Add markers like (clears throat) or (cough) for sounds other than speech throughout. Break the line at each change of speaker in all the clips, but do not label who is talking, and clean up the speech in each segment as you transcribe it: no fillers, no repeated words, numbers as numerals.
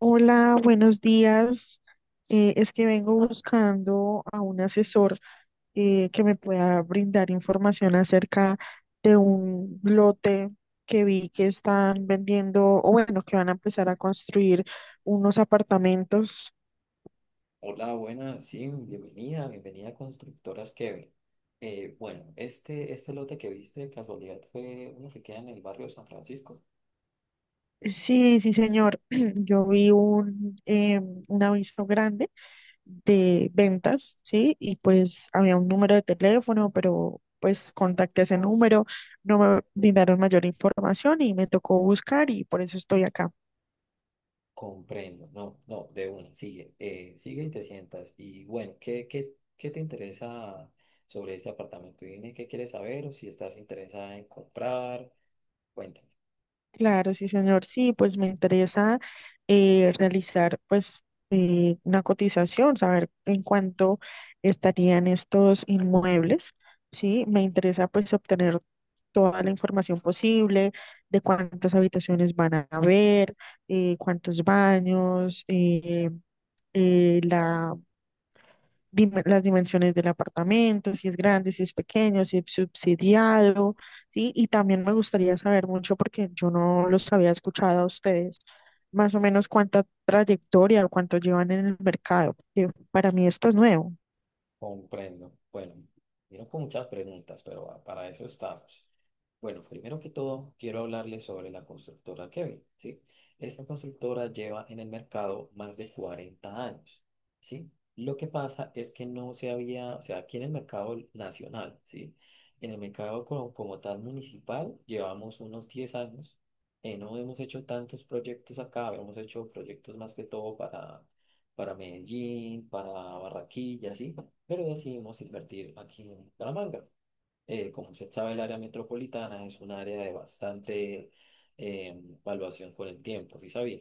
Hola, buenos días. Es que vengo buscando a un asesor que me pueda brindar información acerca de un lote que vi que están vendiendo, o bueno, que van a empezar a construir unos apartamentos.
Hola, buenas, sí, bienvenida, a Constructoras Kevin. Este lote que viste de casualidad fue uno que queda en el barrio de San Francisco.
Sí, sí, señor. (clears throat) Yo vi un aviso grande de ventas, ¿sí? Y pues había un número de teléfono, pero pues contacté ese número, no me brindaron mayor información y me tocó buscar y por eso estoy acá.
Comprendo, no, no, de una, sigue, sigue y te sientas. Y bueno, ¿qué te interesa sobre este apartamento? Dime qué quieres saber o si estás interesada en comprar, cuéntame.
Claro, sí, señor. Sí, pues me interesa realizar pues una cotización, saber en cuánto estarían estos inmuebles. Sí, me interesa pues obtener toda la información posible de cuántas habitaciones van a haber, cuántos baños, la dime las dimensiones del apartamento, si es grande, si es pequeño, si es subsidiado, ¿sí? Y también me gustaría saber mucho, porque yo no los había escuchado a ustedes, más o menos cuánta trayectoria o cuánto llevan en el mercado, porque para mí esto es nuevo.
Comprendo. Bueno, vino con muchas preguntas, pero ah, para eso estamos. Bueno, primero que todo, quiero hablarles sobre la constructora Kevin, ¿sí? Esta constructora lleva en el mercado más de 40 años, ¿sí? Lo que pasa es que no se había, o sea, aquí en el mercado nacional, ¿sí? En el mercado como tal municipal llevamos unos 10 años. No hemos hecho tantos proyectos acá, hemos hecho proyectos más que todo para Medellín, para Barranquilla, sí, pero decidimos invertir aquí en Bucaramanga. Como usted sabe, el área metropolitana es un área de bastante evaluación con el tiempo, ¿sí sabía?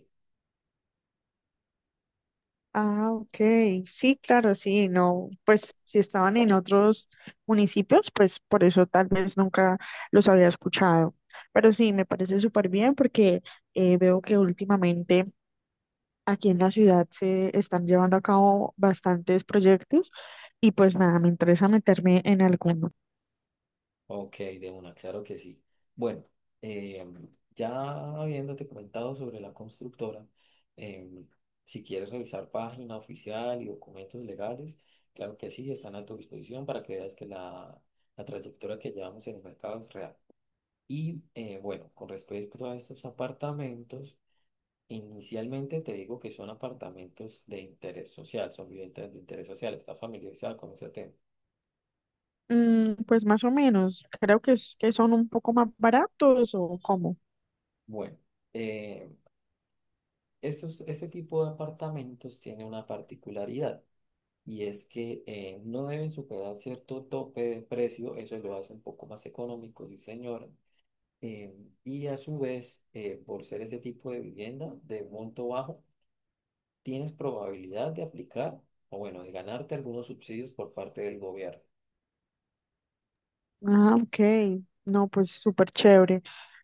Ah, ok, sí, claro, sí, no, pues si estaban en otros municipios, pues por eso tal vez nunca los había escuchado. Pero sí, me parece súper bien porque veo que últimamente aquí en la ciudad se están llevando a cabo bastantes proyectos y pues nada, me interesa meterme en alguno.
Ok, de una, claro que sí. Bueno, eh, ya habiéndote comentado sobre la constructora, em, si quieres revisar página oficial y documentos legales, claro que sí, están a tu disposición para que veas que la trayectoria que llevamos en el mercado es real. Y bueno, con respecto a estos apartamentos, inicialmente te digo que son apartamentos de interés social, son viviendas de interés social, ¿estás familiarizado con ese tema?
Mm, pues más o menos, creo que, que son un poco más baratos o cómo.
Bueno, eh, este tipo de apartamentos tiene una particularidad y es que no deben superar cierto tope de precio, eso lo hace un poco más económico, sí señora. eh, y a su vez, por ser ese tipo de vivienda de monto bajo, tienes probabilidad de aplicar o bueno, de ganarte algunos subsidios por parte del gobierno.
Ah, ok. No, pues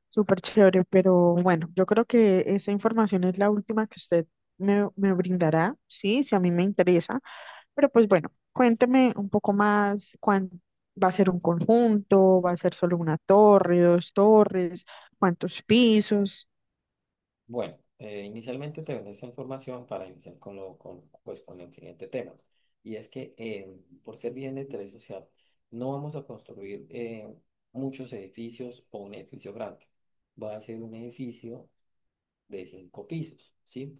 súper chévere, pero bueno, yo creo que esa información es la última que usted me brindará, sí, si a mí me interesa. Pero pues bueno, cuénteme un poco más, ¿va a ser un conjunto? ¿Va a ser solo una torre, dos torres? ¿Cuántos pisos?
Bueno, inicialmente te venden esta información para iniciar pues, con el siguiente tema. Y es que por ser bien de interés social, no vamos a construir muchos edificios o un edificio grande. Va a ser un edificio de 5 pisos, ¿sí?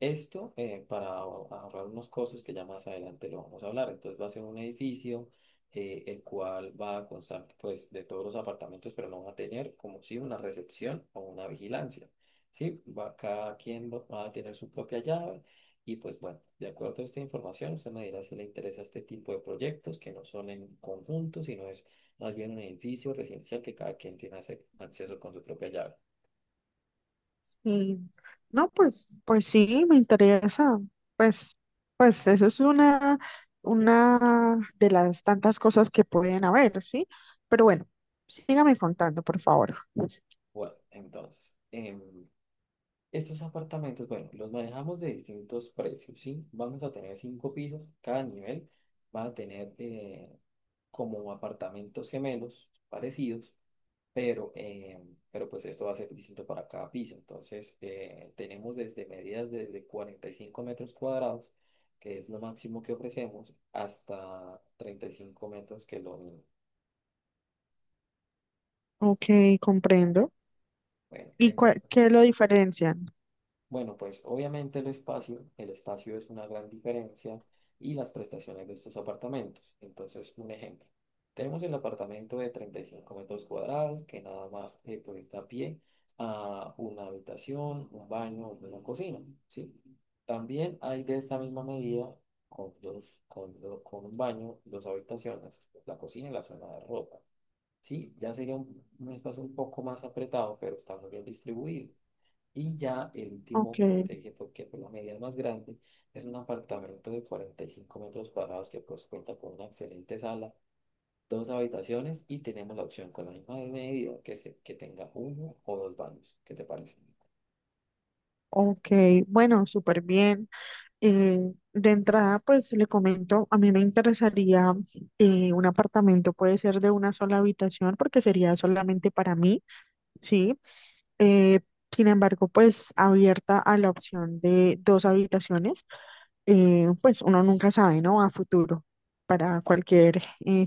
Esto, para ahorrar unos costos que ya más adelante lo vamos a hablar. Entonces va a ser un edificio el cual va a constar pues de todos los apartamentos, pero no va a tener como si una recepción o una vigilancia, ¿sí? Cada quien va a tener su propia llave y pues bueno, de acuerdo a esta información, usted me dirá si le interesa este tipo de proyectos que no son en conjunto, sino es más bien un edificio residencial que cada quien tiene acceso con su propia llave.
Sí, no, pues, pues sí, me interesa. Pues, pues eso es una de las tantas cosas que pueden haber, ¿sí? Pero bueno, sígame contando, por favor.
Bueno, entonces, estos apartamentos, bueno, los manejamos de distintos precios, ¿sí? Vamos a tener 5 pisos, cada nivel va a tener como apartamentos gemelos parecidos, pero, pero esto va a ser distinto para cada piso. Entonces, tenemos desde medidas desde 45 metros cuadrados, que es lo máximo que ofrecemos, hasta 35 metros, que es lo mínimo.
Ok, comprendo.
Bueno,
¿Y
entonces,
qué lo diferencian?
bueno, pues obviamente el espacio es una gran diferencia y las prestaciones de estos apartamentos. Entonces, un ejemplo. Tenemos el apartamento de 35 metros cuadrados que nada más, pues, da pie a una habitación, un baño, una cocina, ¿sí? También hay de esta misma medida con un baño, dos habitaciones, la cocina y la zona de ropa. Sí, ya sería un espacio un poco más apretado, pero está muy bien distribuido. Y ya el
Ok,
último que te dije, porque fue la medida más grande, es un apartamento de 45 metros cuadrados que pues cuenta con una excelente sala, dos habitaciones y tenemos la opción con la misma medida que tenga uno o dos baños. ¿Qué te parece?
ok, bueno, súper bien. De entrada, pues le comento, a mí me interesaría un apartamento, puede ser de una sola habitación porque sería solamente para mí, ¿sí? Eh, Sin embargo, pues abierta a la opción de dos habitaciones, pues uno nunca sabe, ¿no? A futuro, para cualquier eh,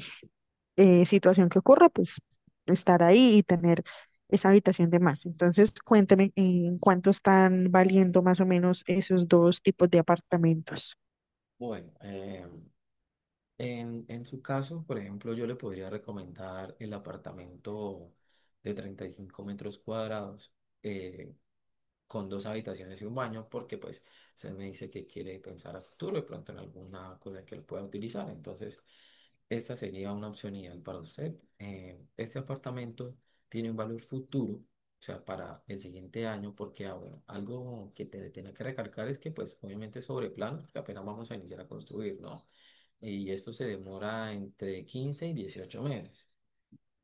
eh, situación que ocurra, pues estar ahí y tener esa habitación de más. Entonces, cuénteme en cuánto están valiendo más o menos esos dos tipos de apartamentos.
Bueno, en su caso, por ejemplo, yo le podría recomendar el apartamento de 35 metros cuadrados. Eh, con dos habitaciones y un baño, porque pues se me dice que quiere pensar a futuro y pronto en alguna cosa que lo pueda utilizar. Entonces, esa sería una opción ideal para usted. Este apartamento tiene un valor futuro, o sea, para el siguiente año, porque ah, bueno, algo que te tiene que recalcar es que pues obviamente es sobre plano, porque apenas vamos a iniciar a construir, ¿no? Y esto se demora entre 15 y 18 meses.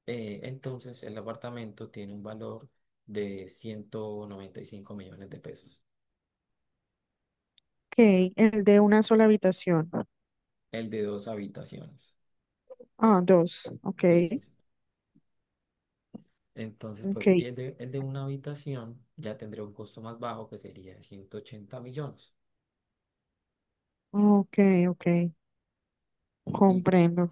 Entonces, el apartamento tiene un valor de 195 millones de pesos.
Ok, el de una sola habitación.
El de dos habitaciones.
Ah, dos. Ok,
Sí, sí, sí. Entonces,
ok,
pues, el de una habitación ya tendría un costo más bajo que sería de 180 millones.
ok, ok.
Y
Comprendo.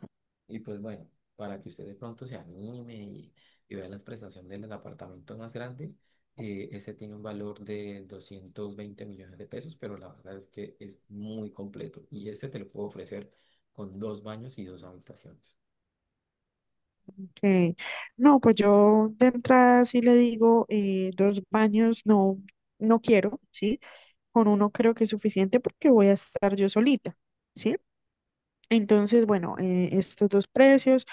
Pues bueno, para que usted de pronto se anime y vea las prestaciones del apartamento más grande, ese tiene un valor de 220 millones de pesos, pero la verdad es que es muy completo y ese te lo puedo ofrecer con dos baños y dos habitaciones.
Ok. No, pues yo de entrada sí le digo dos baños, no, no quiero, ¿sí? Con uno creo que es suficiente porque voy a estar yo solita, ¿sí? Entonces, bueno,
Ujú.
estos dos precios.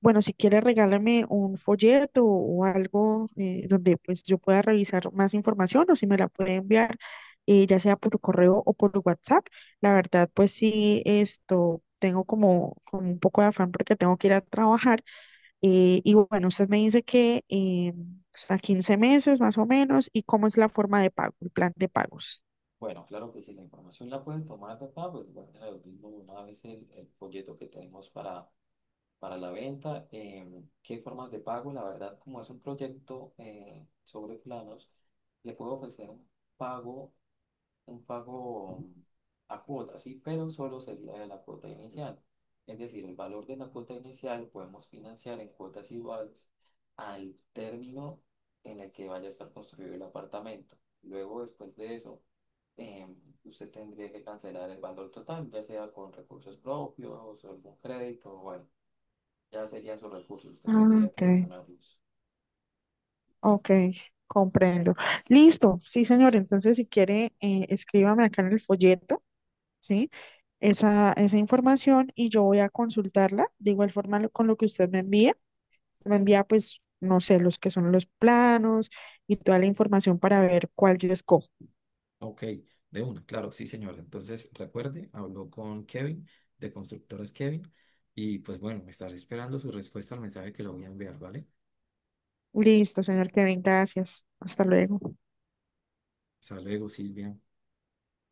Bueno, si quieres, regálame un folleto o algo donde pues yo pueda revisar más información o si me la puede enviar, ya sea por correo o por WhatsApp. La verdad, pues sí, esto tengo como, como un poco de afán porque tengo que ir a trabajar. Y bueno, usted me dice que a 15 meses más o menos y cómo es la forma de pago, el plan de pagos.
Bueno, claro que si la información la pueden tomar de acá, pues guarden lo mismo una vez el folleto que tenemos para la venta. ¿Qué formas de pago? La verdad, como es un proyecto sobre planos, le puedo ofrecer pago un pago a cuota, sí, pero solo sería de la cuota inicial. Es decir, el valor de la cuota inicial podemos financiar en cuotas iguales al término en el que vaya a estar construido el apartamento. Luego, después de eso, em, usted tendría que cancelar el valor total, ya sea con recursos propios o algún crédito, bueno, ya serían sus recursos, usted
Ah,
tendría
ok,
que gestionarlos.
ok, comprendo. Listo, sí, señor. Entonces, si quiere, escríbame acá en el folleto. ¿Sí? Esa información y yo voy a consultarla de igual forma con lo que usted me envía. Me envía, pues, no sé, los que son los planos y toda la información para ver cuál yo escojo.
Ok, de una, claro, sí, señora. Entonces, recuerde, habló con Kevin, de Constructoras Kevin, y pues bueno, me estaré esperando su respuesta al mensaje que le voy a enviar, ¿vale?
Listo, señor Kevin, gracias. Hasta luego.
Hasta luego, Silvia.